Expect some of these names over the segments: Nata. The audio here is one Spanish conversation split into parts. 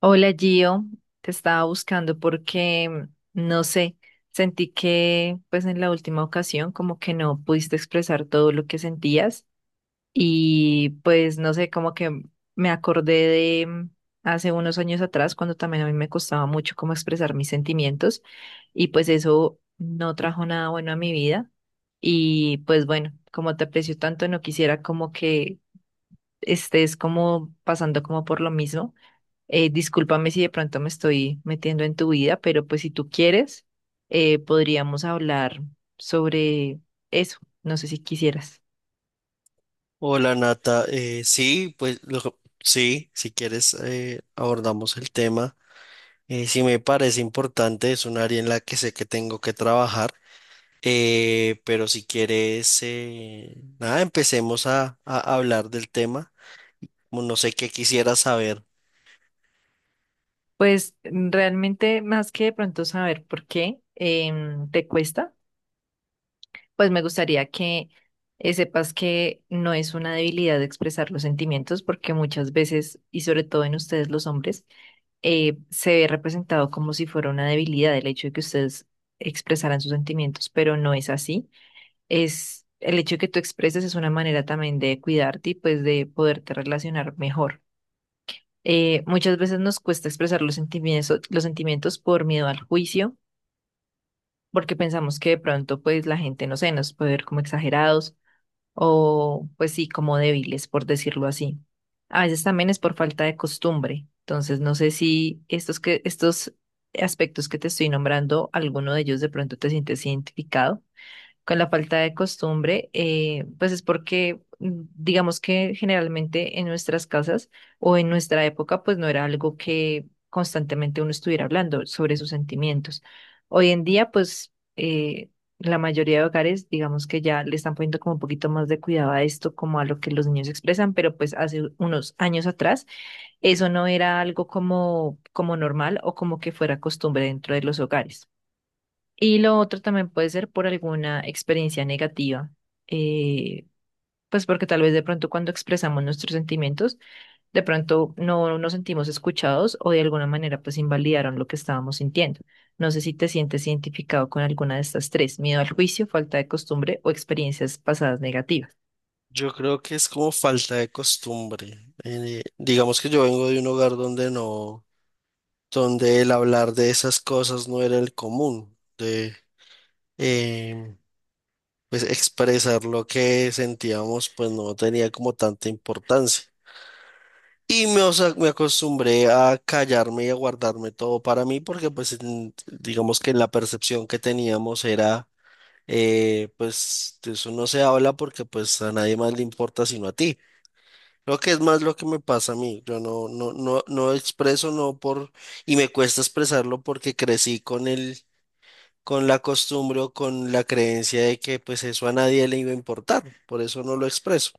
Hola Gio, te estaba buscando porque, no sé, sentí que pues en la última ocasión como que no pudiste expresar todo lo que sentías y pues no sé, como que me acordé de hace unos años atrás cuando también a mí me costaba mucho como expresar mis sentimientos y pues eso no trajo nada bueno a mi vida y pues bueno, como te aprecio tanto, no quisiera como que estés como pasando como por lo mismo. Discúlpame si de pronto me estoy metiendo en tu vida, pero pues si tú quieres, podríamos hablar sobre eso. No sé si quisieras. Hola Nata. Sí, pues sí, si quieres, abordamos el tema. Sí, me parece importante, es un área en la que sé que tengo que trabajar, pero si quieres, nada, empecemos a hablar del tema. Como no sé qué quisiera saber. Pues mm, realmente más que de pronto saber por qué te cuesta, pues me gustaría que sepas que no es una debilidad expresar los sentimientos, porque muchas veces, y sobre todo en ustedes los hombres, se ve representado como si fuera una debilidad el hecho de que ustedes expresaran sus sentimientos, pero no es así. Es el hecho de que tú expreses es una manera también de cuidarte y pues de poderte relacionar mejor. Muchas veces nos cuesta expresar los sentimientos, por miedo al juicio, porque pensamos que de pronto pues la gente, no sé, nos puede ver como exagerados o pues sí, como débiles, por decirlo así. A veces también es por falta de costumbre. Entonces, no sé si estos aspectos que te estoy nombrando, alguno de ellos de pronto te sientes identificado con la falta de costumbre, pues es porque digamos que generalmente en nuestras casas o en nuestra época, pues no era algo que constantemente uno estuviera hablando sobre sus sentimientos. Hoy en día, pues la mayoría de hogares, digamos que ya le están poniendo como un poquito más de cuidado a esto, como a lo que los niños expresan, pero pues hace unos años atrás eso no era algo como, como normal o como que fuera costumbre dentro de los hogares. Y lo otro también puede ser por alguna experiencia negativa, eh, pues porque tal vez de pronto cuando expresamos nuestros sentimientos, de pronto no nos sentimos escuchados o de alguna manera pues invalidaron lo que estábamos sintiendo. No sé si te sientes identificado con alguna de estas tres: miedo al juicio, falta de costumbre o experiencias pasadas negativas. Yo creo que es como falta de costumbre. Digamos que yo vengo de un hogar donde no, donde el hablar de esas cosas no era el común. Em, pues expresar lo que sentíamos, pues no tenía como tanta importancia. Y me, o sea, me acostumbré a callarme y a guardarme todo para mí porque digamos que la percepción que teníamos era, pues de eso no se habla porque pues a nadie más le importa sino a ti. Creo que es más lo que me pasa a mí. Yo no expreso, no por, y me cuesta expresarlo porque crecí con la costumbre o con la creencia de que pues eso a nadie le iba a importar, por eso no lo expreso.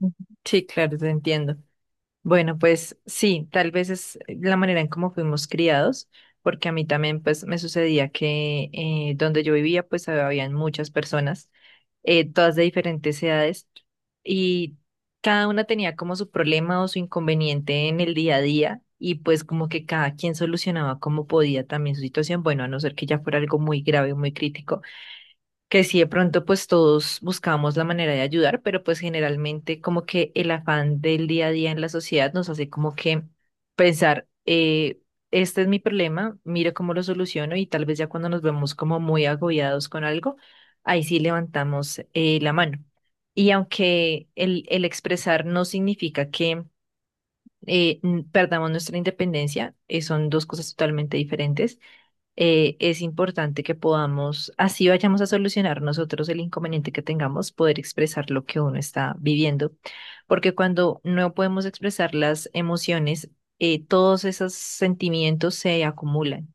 Ujú. Sí, claro, te entiendo. Bueno, pues sí, tal vez es la manera en cómo fuimos criados, porque a mí también pues me sucedía que donde yo vivía pues habían muchas personas, todas de diferentes edades, y cada una tenía como su problema o su inconveniente en el día a día, y pues como que cada quien solucionaba como podía también su situación, bueno, a no ser que ya fuera algo muy grave, muy crítico que sí, de pronto pues todos buscamos la manera de ayudar, pero pues generalmente como que el afán del día a día en la sociedad nos hace como que pensar, este es mi problema, mira cómo lo soluciono y tal vez ya cuando nos vemos como muy agobiados con algo, ahí sí levantamos la mano. Y aunque el expresar no significa que perdamos nuestra independencia, son dos cosas totalmente diferentes. Es importante que podamos, así vayamos a solucionar nosotros el inconveniente que tengamos, poder expresar lo que uno está viviendo, porque cuando no podemos expresar las emociones, todos esos sentimientos se acumulan.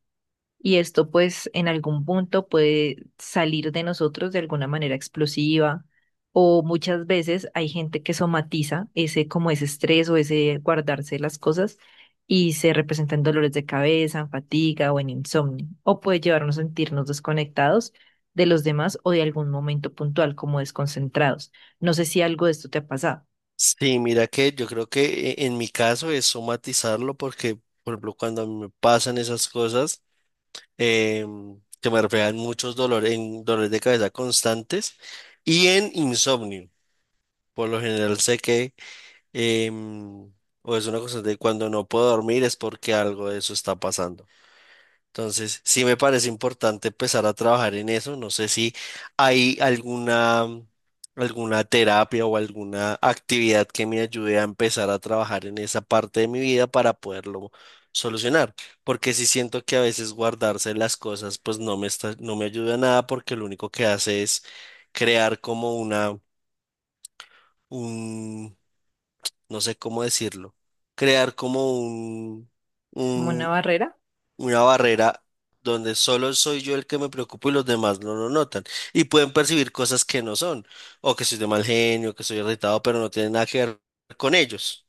Y esto pues en algún punto puede salir de nosotros de alguna manera explosiva o muchas veces hay gente que somatiza ese como ese estrés o ese guardarse las cosas y se representa en dolores de cabeza, en fatiga o en insomnio o puede llevarnos a sentirnos desconectados de los demás o de algún momento puntual como desconcentrados. No sé si algo de esto te ha pasado, Sí, mira que yo creo que en mi caso es somatizarlo porque, por ejemplo, cuando a mí me pasan esas cosas, que me reflejan muchos dolores, en dolores de cabeza constantes y en insomnio. Por lo general sé em, o es una cosa de cuando no puedo dormir es porque algo de eso está pasando. Entonces, sí me parece importante empezar a trabajar en eso. No sé si hay alguna, alguna terapia o alguna actividad que me ayude a empezar a trabajar en esa parte de mi vida para poderlo solucionar. Porque sí siento que a veces guardarse las cosas no me ayuda a nada porque lo único que hace es crear como una, un, no sé cómo decirlo, crear como un, como una barrera. una barrera donde solo soy yo el que me preocupo y los demás no lo notan. Y pueden percibir cosas que no son, o que soy de mal genio, que soy irritado, pero no tiene nada que ver con ellos.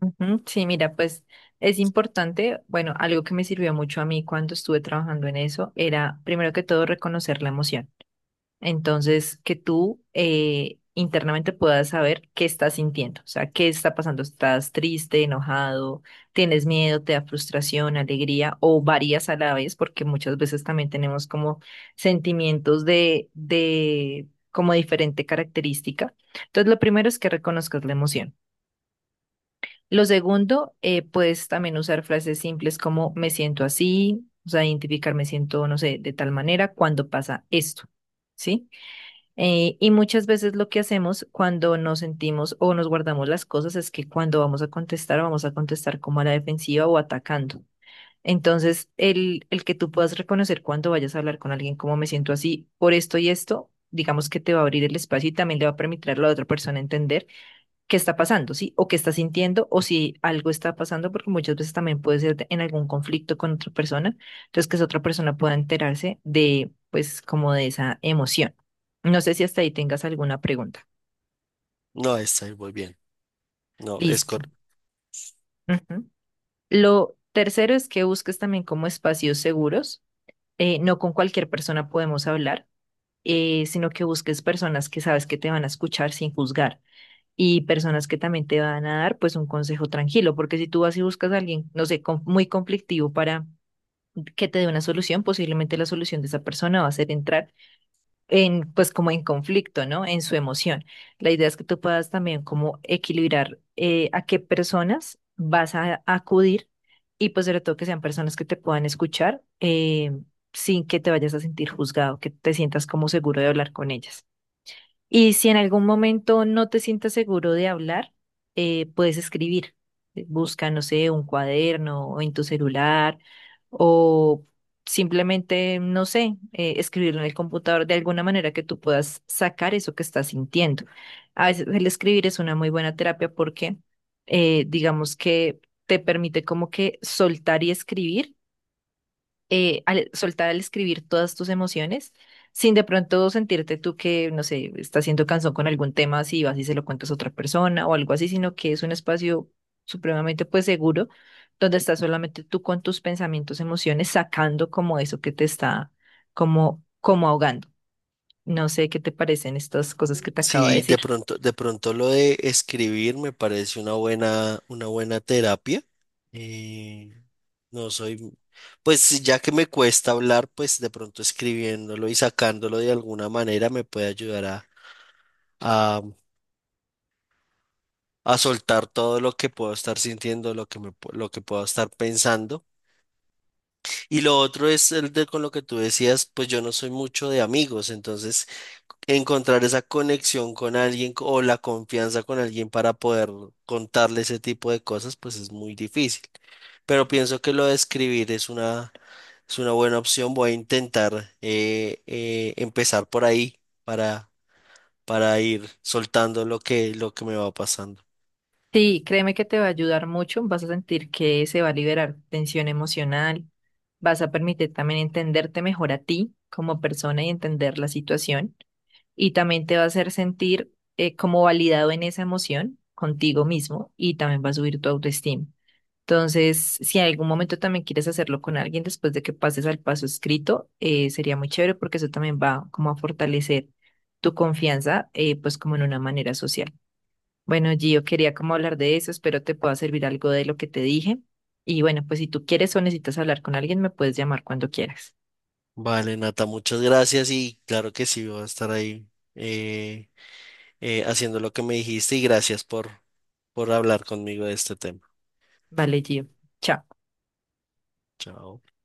Ujú. Sí, mira, pues es importante, bueno, algo que me sirvió mucho a mí cuando estuve trabajando en eso era, primero que todo, reconocer la emoción. Entonces, que tú internamente puedas saber qué estás sintiendo, o sea, qué está pasando. ¿Estás triste, enojado, tienes miedo, te da frustración, alegría o varias a la vez? Porque muchas veces también tenemos como sentimientos de como diferente característica. Entonces, lo primero es que reconozcas la emoción. Lo segundo, puedes también usar frases simples como me siento así, o sea, identificar me siento, no sé, de tal manera cuando pasa esto, ¿sí? Y muchas veces lo que hacemos cuando nos sentimos o nos guardamos las cosas es que cuando vamos a contestar como a la defensiva o atacando. Entonces, el que tú puedas reconocer cuando vayas a hablar con alguien como me siento así por esto y esto, digamos que te va a abrir el espacio y también le va a permitir a la otra persona entender qué está pasando, ¿sí? O qué está sintiendo, o si algo está pasando, porque muchas veces también puede ser de- en algún conflicto con otra persona, entonces que esa otra persona pueda enterarse de, pues, como de esa emoción. No sé si hasta ahí tengas alguna pregunta. No, está ahí muy bien. No, es Listo. cor- Ujú. Lo tercero es que busques también como espacios seguros. No con cualquier persona podemos hablar, sino que busques personas que sabes que te van a escuchar sin juzgar. Y personas que también te van a dar pues un consejo tranquilo, porque si tú vas y buscas a alguien, no sé, con- muy conflictivo para que te dé una solución, posiblemente la solución de esa persona va a ser entrar en pues como en conflicto, ¿no? En su emoción. La idea es que tú puedas también como equilibrar a qué personas vas a acudir y pues sobre todo que sean personas que te puedan escuchar sin que te vayas a sentir juzgado, que te sientas como seguro de hablar con ellas. Y si en algún momento no te sientas seguro de hablar, puedes escribir. Busca, no sé, un cuaderno o en tu celular o simplemente, no sé, escribirlo en el computador de alguna manera que tú puedas sacar eso que estás sintiendo. A veces el escribir es una muy buena terapia porque digamos que te permite como que soltar y escribir al soltar al escribir todas tus emociones, sin de pronto sentirte tú que, no sé, estás siendo cansón con algún tema, si vas y se lo cuentas a otra persona o algo así, sino que es un espacio supremamente pues seguro, donde estás solamente tú con tus pensamientos, emociones, sacando como eso que te está como, como ahogando. No sé qué te parecen estas cosas que te acabo de Sí, decir. De pronto lo de escribir me parece una buena terapia. Eh, no soy, pues sí, ya que me cuesta hablar, pues de pronto escribiéndolo y sacándolo de alguna manera me puede ayudar a, a soltar todo lo que puedo estar sintiendo, lo que puedo estar pensando. Y lo otro es el de con lo que tú decías, pues yo no soy mucho de amigos, entonces encontrar esa conexión o la confianza con alguien para poder contarle ese tipo de cosas, pues es muy difícil. Pero pienso que lo de escribir es una buena opción. Voy a intentar, empezar por ahí para, para ir soltando lo que me va pasando. Sí, créeme que te va a ayudar mucho, vas a sentir que se va a liberar tensión emocional, vas a permitir también entenderte mejor a ti como persona y entender la situación y también te va a hacer sentir como validado en esa emoción contigo mismo y también va a subir tu autoestima. Entonces, si en algún momento también quieres hacerlo con alguien después de que pases al paso escrito, sería muy chévere porque eso también va como a fortalecer tu confianza, pues como en una manera social. Bueno, Gio, quería como hablar de eso, espero te pueda servir algo de lo que te dije. Y bueno, pues si tú quieres o necesitas hablar con alguien, me puedes llamar cuando quieras. Vale, Nata, muchas gracias y claro que sí, voy a estar ahí, eh, haciendo lo que me dijiste y gracias por hablar conmigo de este tema. Vale, Gio. Chao. Chao.